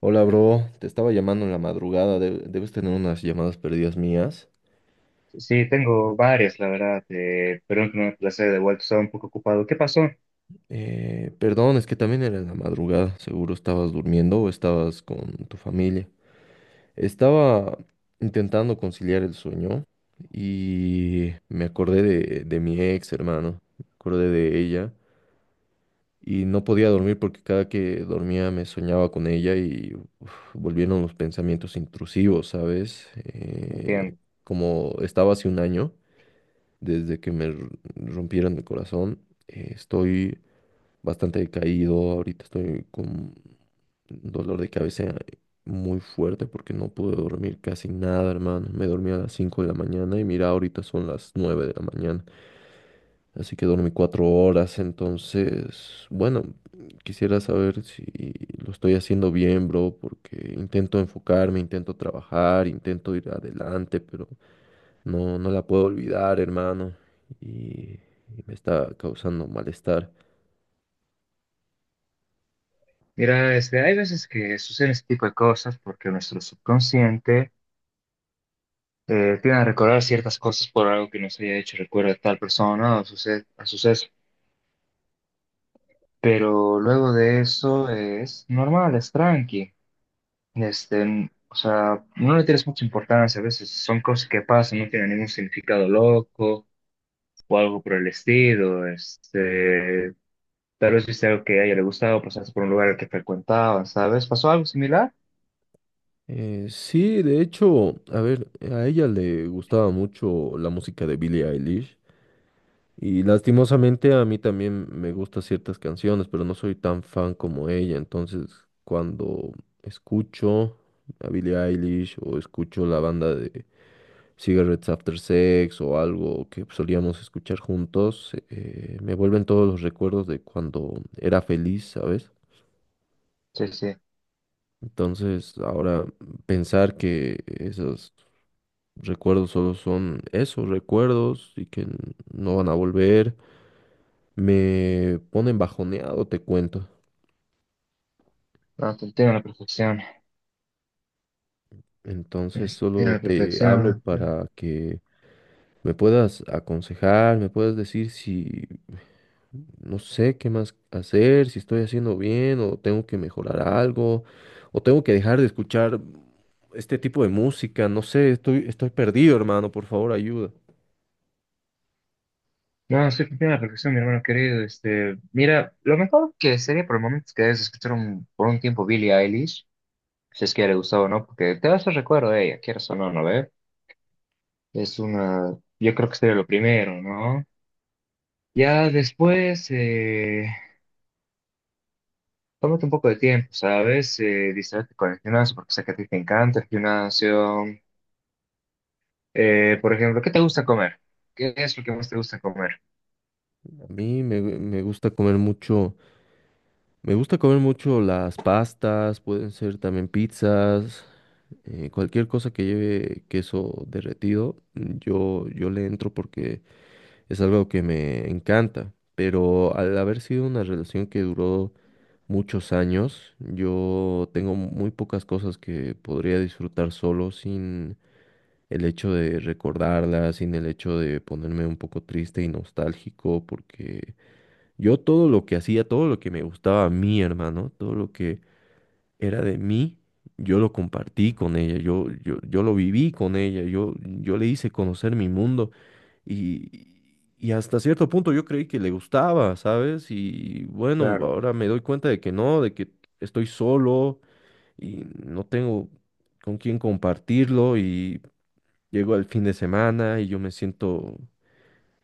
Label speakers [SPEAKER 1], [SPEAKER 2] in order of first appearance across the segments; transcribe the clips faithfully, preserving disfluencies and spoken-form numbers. [SPEAKER 1] Hola, bro. Te estaba llamando en la madrugada. De- debes tener unas llamadas perdidas mías.
[SPEAKER 2] Sí, tengo varias, la verdad, eh, pero en primer placer de vuelta estaba un poco ocupado. ¿Qué pasó?
[SPEAKER 1] Eh, perdón, es que también era en la madrugada. Seguro estabas durmiendo o estabas con tu familia. Estaba intentando conciliar el sueño y me acordé de, de mi ex, hermano. Me acordé de ella y no podía dormir porque cada que dormía me soñaba con ella y uf, volvieron los pensamientos intrusivos, ¿sabes? Eh,
[SPEAKER 2] Entiendo.
[SPEAKER 1] como estaba hace un año. Desde que me r- rompieron mi corazón, eh, estoy bastante decaído. Ahorita estoy con un dolor de cabeza muy fuerte porque no pude dormir casi nada, hermano. Me dormí a las cinco de la mañana y mira, ahorita son las nueve de la mañana. Así que dormí cuatro horas. Entonces, bueno, quisiera saber si lo estoy haciendo bien, bro, porque intento enfocarme, intento trabajar, intento ir adelante, pero no, no la puedo olvidar, hermano. Y, y me está causando malestar.
[SPEAKER 2] Mira, este, hay veces que suceden este tipo de cosas porque nuestro subconsciente eh, tiende a recordar ciertas cosas por algo que nos haya hecho recuerdo a tal persona o suce- a suceso. Pero luego de eso eh, es normal, es tranqui. Este, n- o sea, no le tienes mucha importancia, a veces son cosas que pasan, no tienen ningún significado loco o algo por el estilo. Este, Tal vez viste algo que a ella le gustaba, o pasaste por un lugar al que frecuentaba, ¿sabes? ¿Pasó algo similar?
[SPEAKER 1] Eh, sí, de hecho, a ver, a ella le gustaba mucho la música de Billie Eilish. Y lastimosamente a mí también me gustan ciertas canciones, pero no soy tan fan como ella. Entonces, cuando escucho a Billie Eilish o escucho la banda de Cigarettes After Sex o algo que solíamos escuchar juntos, eh, me vuelven todos los recuerdos de cuando era feliz, ¿sabes?
[SPEAKER 2] Sí, sí.
[SPEAKER 1] Entonces, ahora pensar que esos recuerdos solo son esos recuerdos y que n- no van a volver, me ponen bajoneado, te cuento.
[SPEAKER 2] No, te entiendo a la perfección.
[SPEAKER 1] Entonces,
[SPEAKER 2] Este, te entiendo a
[SPEAKER 1] solo
[SPEAKER 2] la
[SPEAKER 1] te hablo
[SPEAKER 2] perfección. este.
[SPEAKER 1] para que me puedas aconsejar, me puedas decir si no sé qué más hacer, si estoy haciendo bien o tengo que mejorar algo o tengo que dejar de escuchar este tipo de música, no sé, estoy, estoy perdido, hermano, por favor, ayuda.
[SPEAKER 2] No, sí, te entiendo a la perfección, mi hermano querido. Este, mira, lo mejor que sería por el momento es que debes escuchar un- por un tiempo Billie Eilish, si es que a ella le gustaba o no, porque te vas a recuerdo de ella, quieras o no, ¿no ve? Es una. Yo creo que sería lo primero, ¿no? Ya después, eh, tómate un poco de tiempo, ¿sabes? Eh, distraerte con el gimnasio, porque sé que a ti te encanta el gimnasio. Eh, por ejemplo, ¿qué te gusta comer? ¿Qué es lo que más te gusta comer?
[SPEAKER 1] A mí me, gu- me gusta comer mucho, me gusta comer mucho las pastas, pueden ser también pizzas, eh, cualquier cosa que lleve queso derretido, yo, yo le entro porque es algo que me encanta. Pero al haber sido una relación que duró muchos años. Yo tengo muy pocas cosas que podría disfrutar solo sin el hecho de recordarlas, sin el hecho de ponerme un poco triste y nostálgico, porque yo todo lo que hacía, todo lo que me gustaba a mí, hermano, todo lo que era de mí, yo lo compartí con ella, yo, yo, yo lo viví con ella, yo, yo le hice conocer mi mundo y, y hasta cierto punto yo creí que le gustaba, ¿sabes? Y bueno,
[SPEAKER 2] Claro.
[SPEAKER 1] ahora me doy cuenta de que no, de que estoy solo y no tengo con quién compartirlo y llego al fin de semana y yo me siento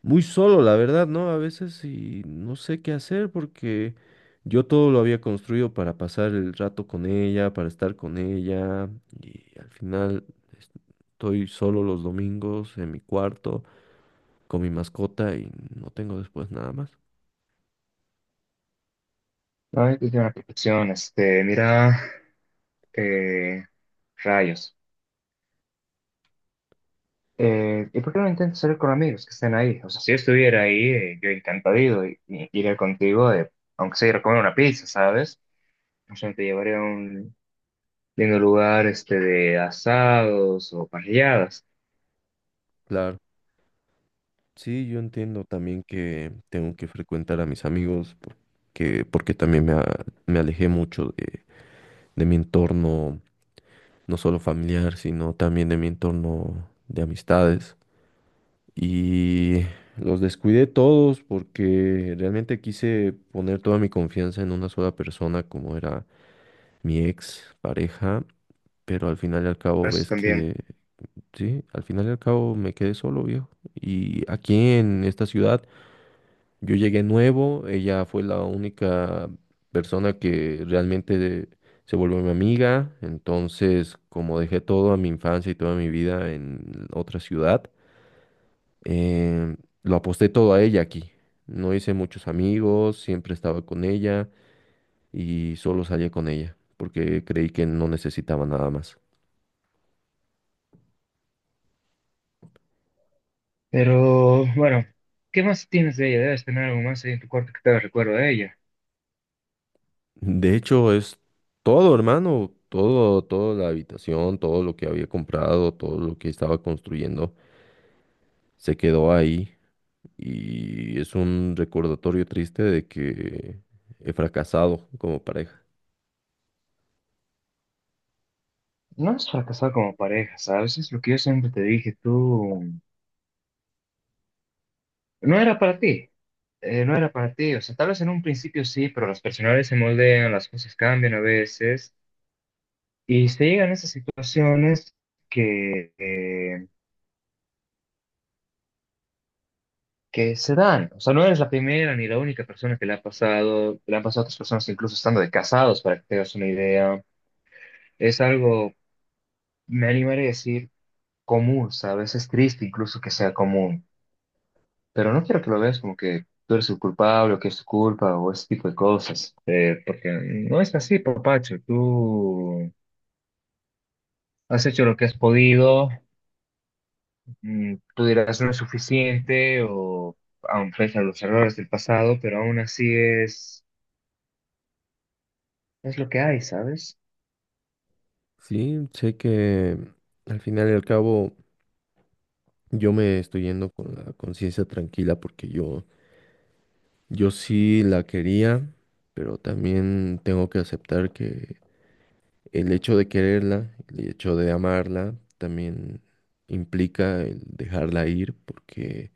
[SPEAKER 1] muy solo, la verdad, ¿no? A veces y no sé qué hacer porque yo todo lo había construido para pasar el rato con ella, para estar con ella y al final estoy solo los domingos en mi cuarto con mi mascota y no tengo después nada más.
[SPEAKER 2] Ay, qué buena perfección. Este, mira, eh, rayos. Eh, ¿y por qué no intentas salir con amigos que estén ahí? O sea, si yo estuviera ahí, eh, yo encantado y, y iría contigo, eh, aunque sea ir a comer una pizza, ¿sabes? O sea, te llevaría a un lindo lugar, este, de asados o parrilladas.
[SPEAKER 1] Claro. Sí, yo entiendo también que tengo que frecuentar a mis amigos porque, porque también me, a- me alejé mucho de, de mi entorno, no solo familiar, sino también de mi entorno de amistades. Y los descuidé todos porque realmente quise poner toda mi confianza en una sola persona como era mi ex pareja, pero al final y al cabo
[SPEAKER 2] Eso
[SPEAKER 1] ves
[SPEAKER 2] también.
[SPEAKER 1] que sí, al final y al cabo me quedé solo, viejo. Y aquí en esta ciudad yo llegué nuevo, ella fue la única persona que realmente se volvió mi amiga, entonces como dejé todo a mi infancia y toda mi vida en otra ciudad, eh, lo aposté todo a ella aquí. No hice muchos amigos, siempre estaba con ella y solo salía con ella porque creí que no necesitaba nada más.
[SPEAKER 2] Pero, bueno, ¿qué más tienes de ella? Debes tener algo más ahí en tu cuarto que te haga recuerdo de ella.
[SPEAKER 1] De hecho, es todo, hermano, todo, toda la habitación, todo lo que había comprado, todo lo que estaba construyendo, se quedó ahí y es un recordatorio triste de que he fracasado como pareja.
[SPEAKER 2] No es fracasar como pareja, ¿sabes? Es lo que yo siempre te dije, tú no era para ti, eh, no era para ti, o sea, tal vez en un principio sí, pero las personalidades se moldean, las cosas cambian a veces y se llegan a esas situaciones que, eh, que se dan, o sea, no eres la primera ni la única persona que le ha pasado, le han pasado a otras personas incluso estando de casados, para que te hagas una idea, es algo, me animaré a decir, común, ¿sabes? Es triste incluso que sea común. Pero no quiero que lo veas como que tú eres el culpable o que es tu culpa o ese tipo de cosas, eh, porque no es así, papacho. Tú has hecho lo que has podido, mm, tú dirás no es suficiente o aun pese a los errores del pasado, pero aún así es, es lo que hay, ¿sabes?
[SPEAKER 1] Sí, sé que al final y al cabo yo me estoy yendo con la conciencia tranquila porque yo, yo sí la quería, pero también tengo que aceptar que el hecho de quererla, el hecho de amarla, también implica el dejarla ir, porque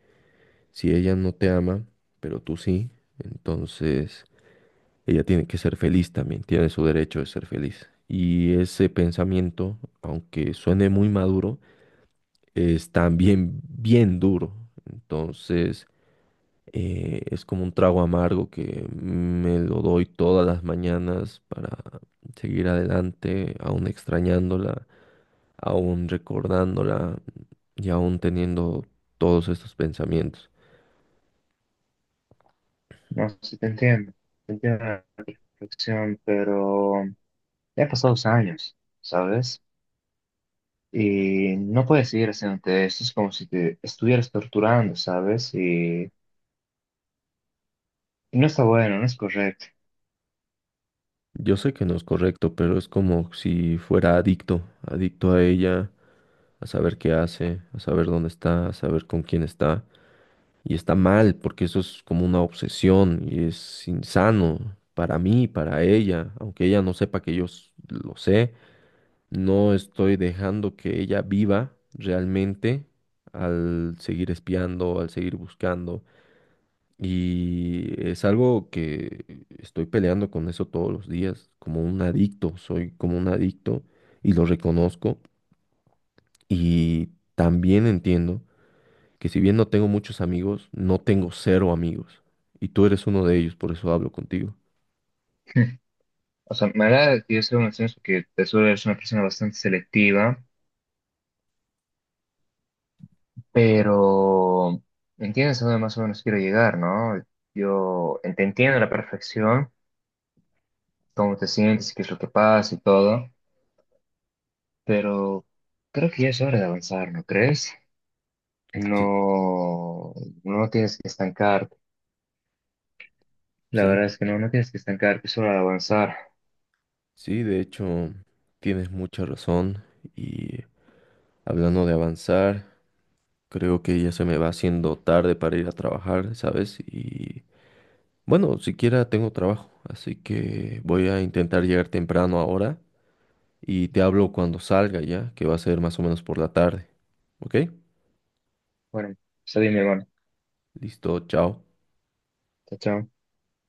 [SPEAKER 1] si ella no te ama, pero tú sí, entonces ella tiene que ser feliz también, tiene su derecho de ser feliz. Y ese pensamiento, aunque suene muy maduro, es también bien duro. Entonces eh, es como un trago amargo que me lo doy todas las mañanas para seguir adelante, aún extrañándola, aún recordándola y aún teniendo todos estos pensamientos.
[SPEAKER 2] No sé si te entiendo, te entiendo la reflexión, pero ya han pasado dos años, ¿sabes? Y no puedes seguir haciéndote esto, es como si te estuvieras torturando, ¿sabes? Y No está bueno, no es correcto.
[SPEAKER 1] Yo sé que no es correcto, pero es como si fuera adicto, adicto a ella, a saber qué hace, a saber dónde está, a saber con quién está. Y está mal, porque eso es como una obsesión y es insano para mí, para ella, aunque ella no sepa que yo s- lo sé. No estoy dejando que ella viva realmente al seguir espiando, al seguir buscando. Y es algo que estoy peleando con eso todos los días, como un adicto, soy como un adicto y lo reconozco. Y también entiendo que si bien no tengo muchos amigos, no tengo cero amigos. Y tú eres uno de ellos, por eso hablo contigo.
[SPEAKER 2] O sea, me agrada que yo sea una persona que te suelo ser una persona bastante selectiva, pero entiendes a dónde más o menos quiero llegar, ¿no? Yo te entiendo a la perfección, cómo te sientes, qué es lo que pasa y todo, pero creo que ya es hora de avanzar, ¿no crees?
[SPEAKER 1] Sí,
[SPEAKER 2] No, no tienes que estancarte. La
[SPEAKER 1] sí,
[SPEAKER 2] verdad es que no, no tienes que estancarte, es hora de avanzar.
[SPEAKER 1] sí, de hecho, tienes mucha razón. Y hablando de avanzar. Creo que ya se me va haciendo tarde para ir a trabajar, ¿sabes? Y bueno, siquiera tengo trabajo, así que voy a intentar llegar temprano ahora y te hablo cuando salga ya, que va a ser más o menos por la tarde. ¿Ok?
[SPEAKER 2] Bueno, está bien, mi hermano.
[SPEAKER 1] Listo, chao.
[SPEAKER 2] Chao, chao.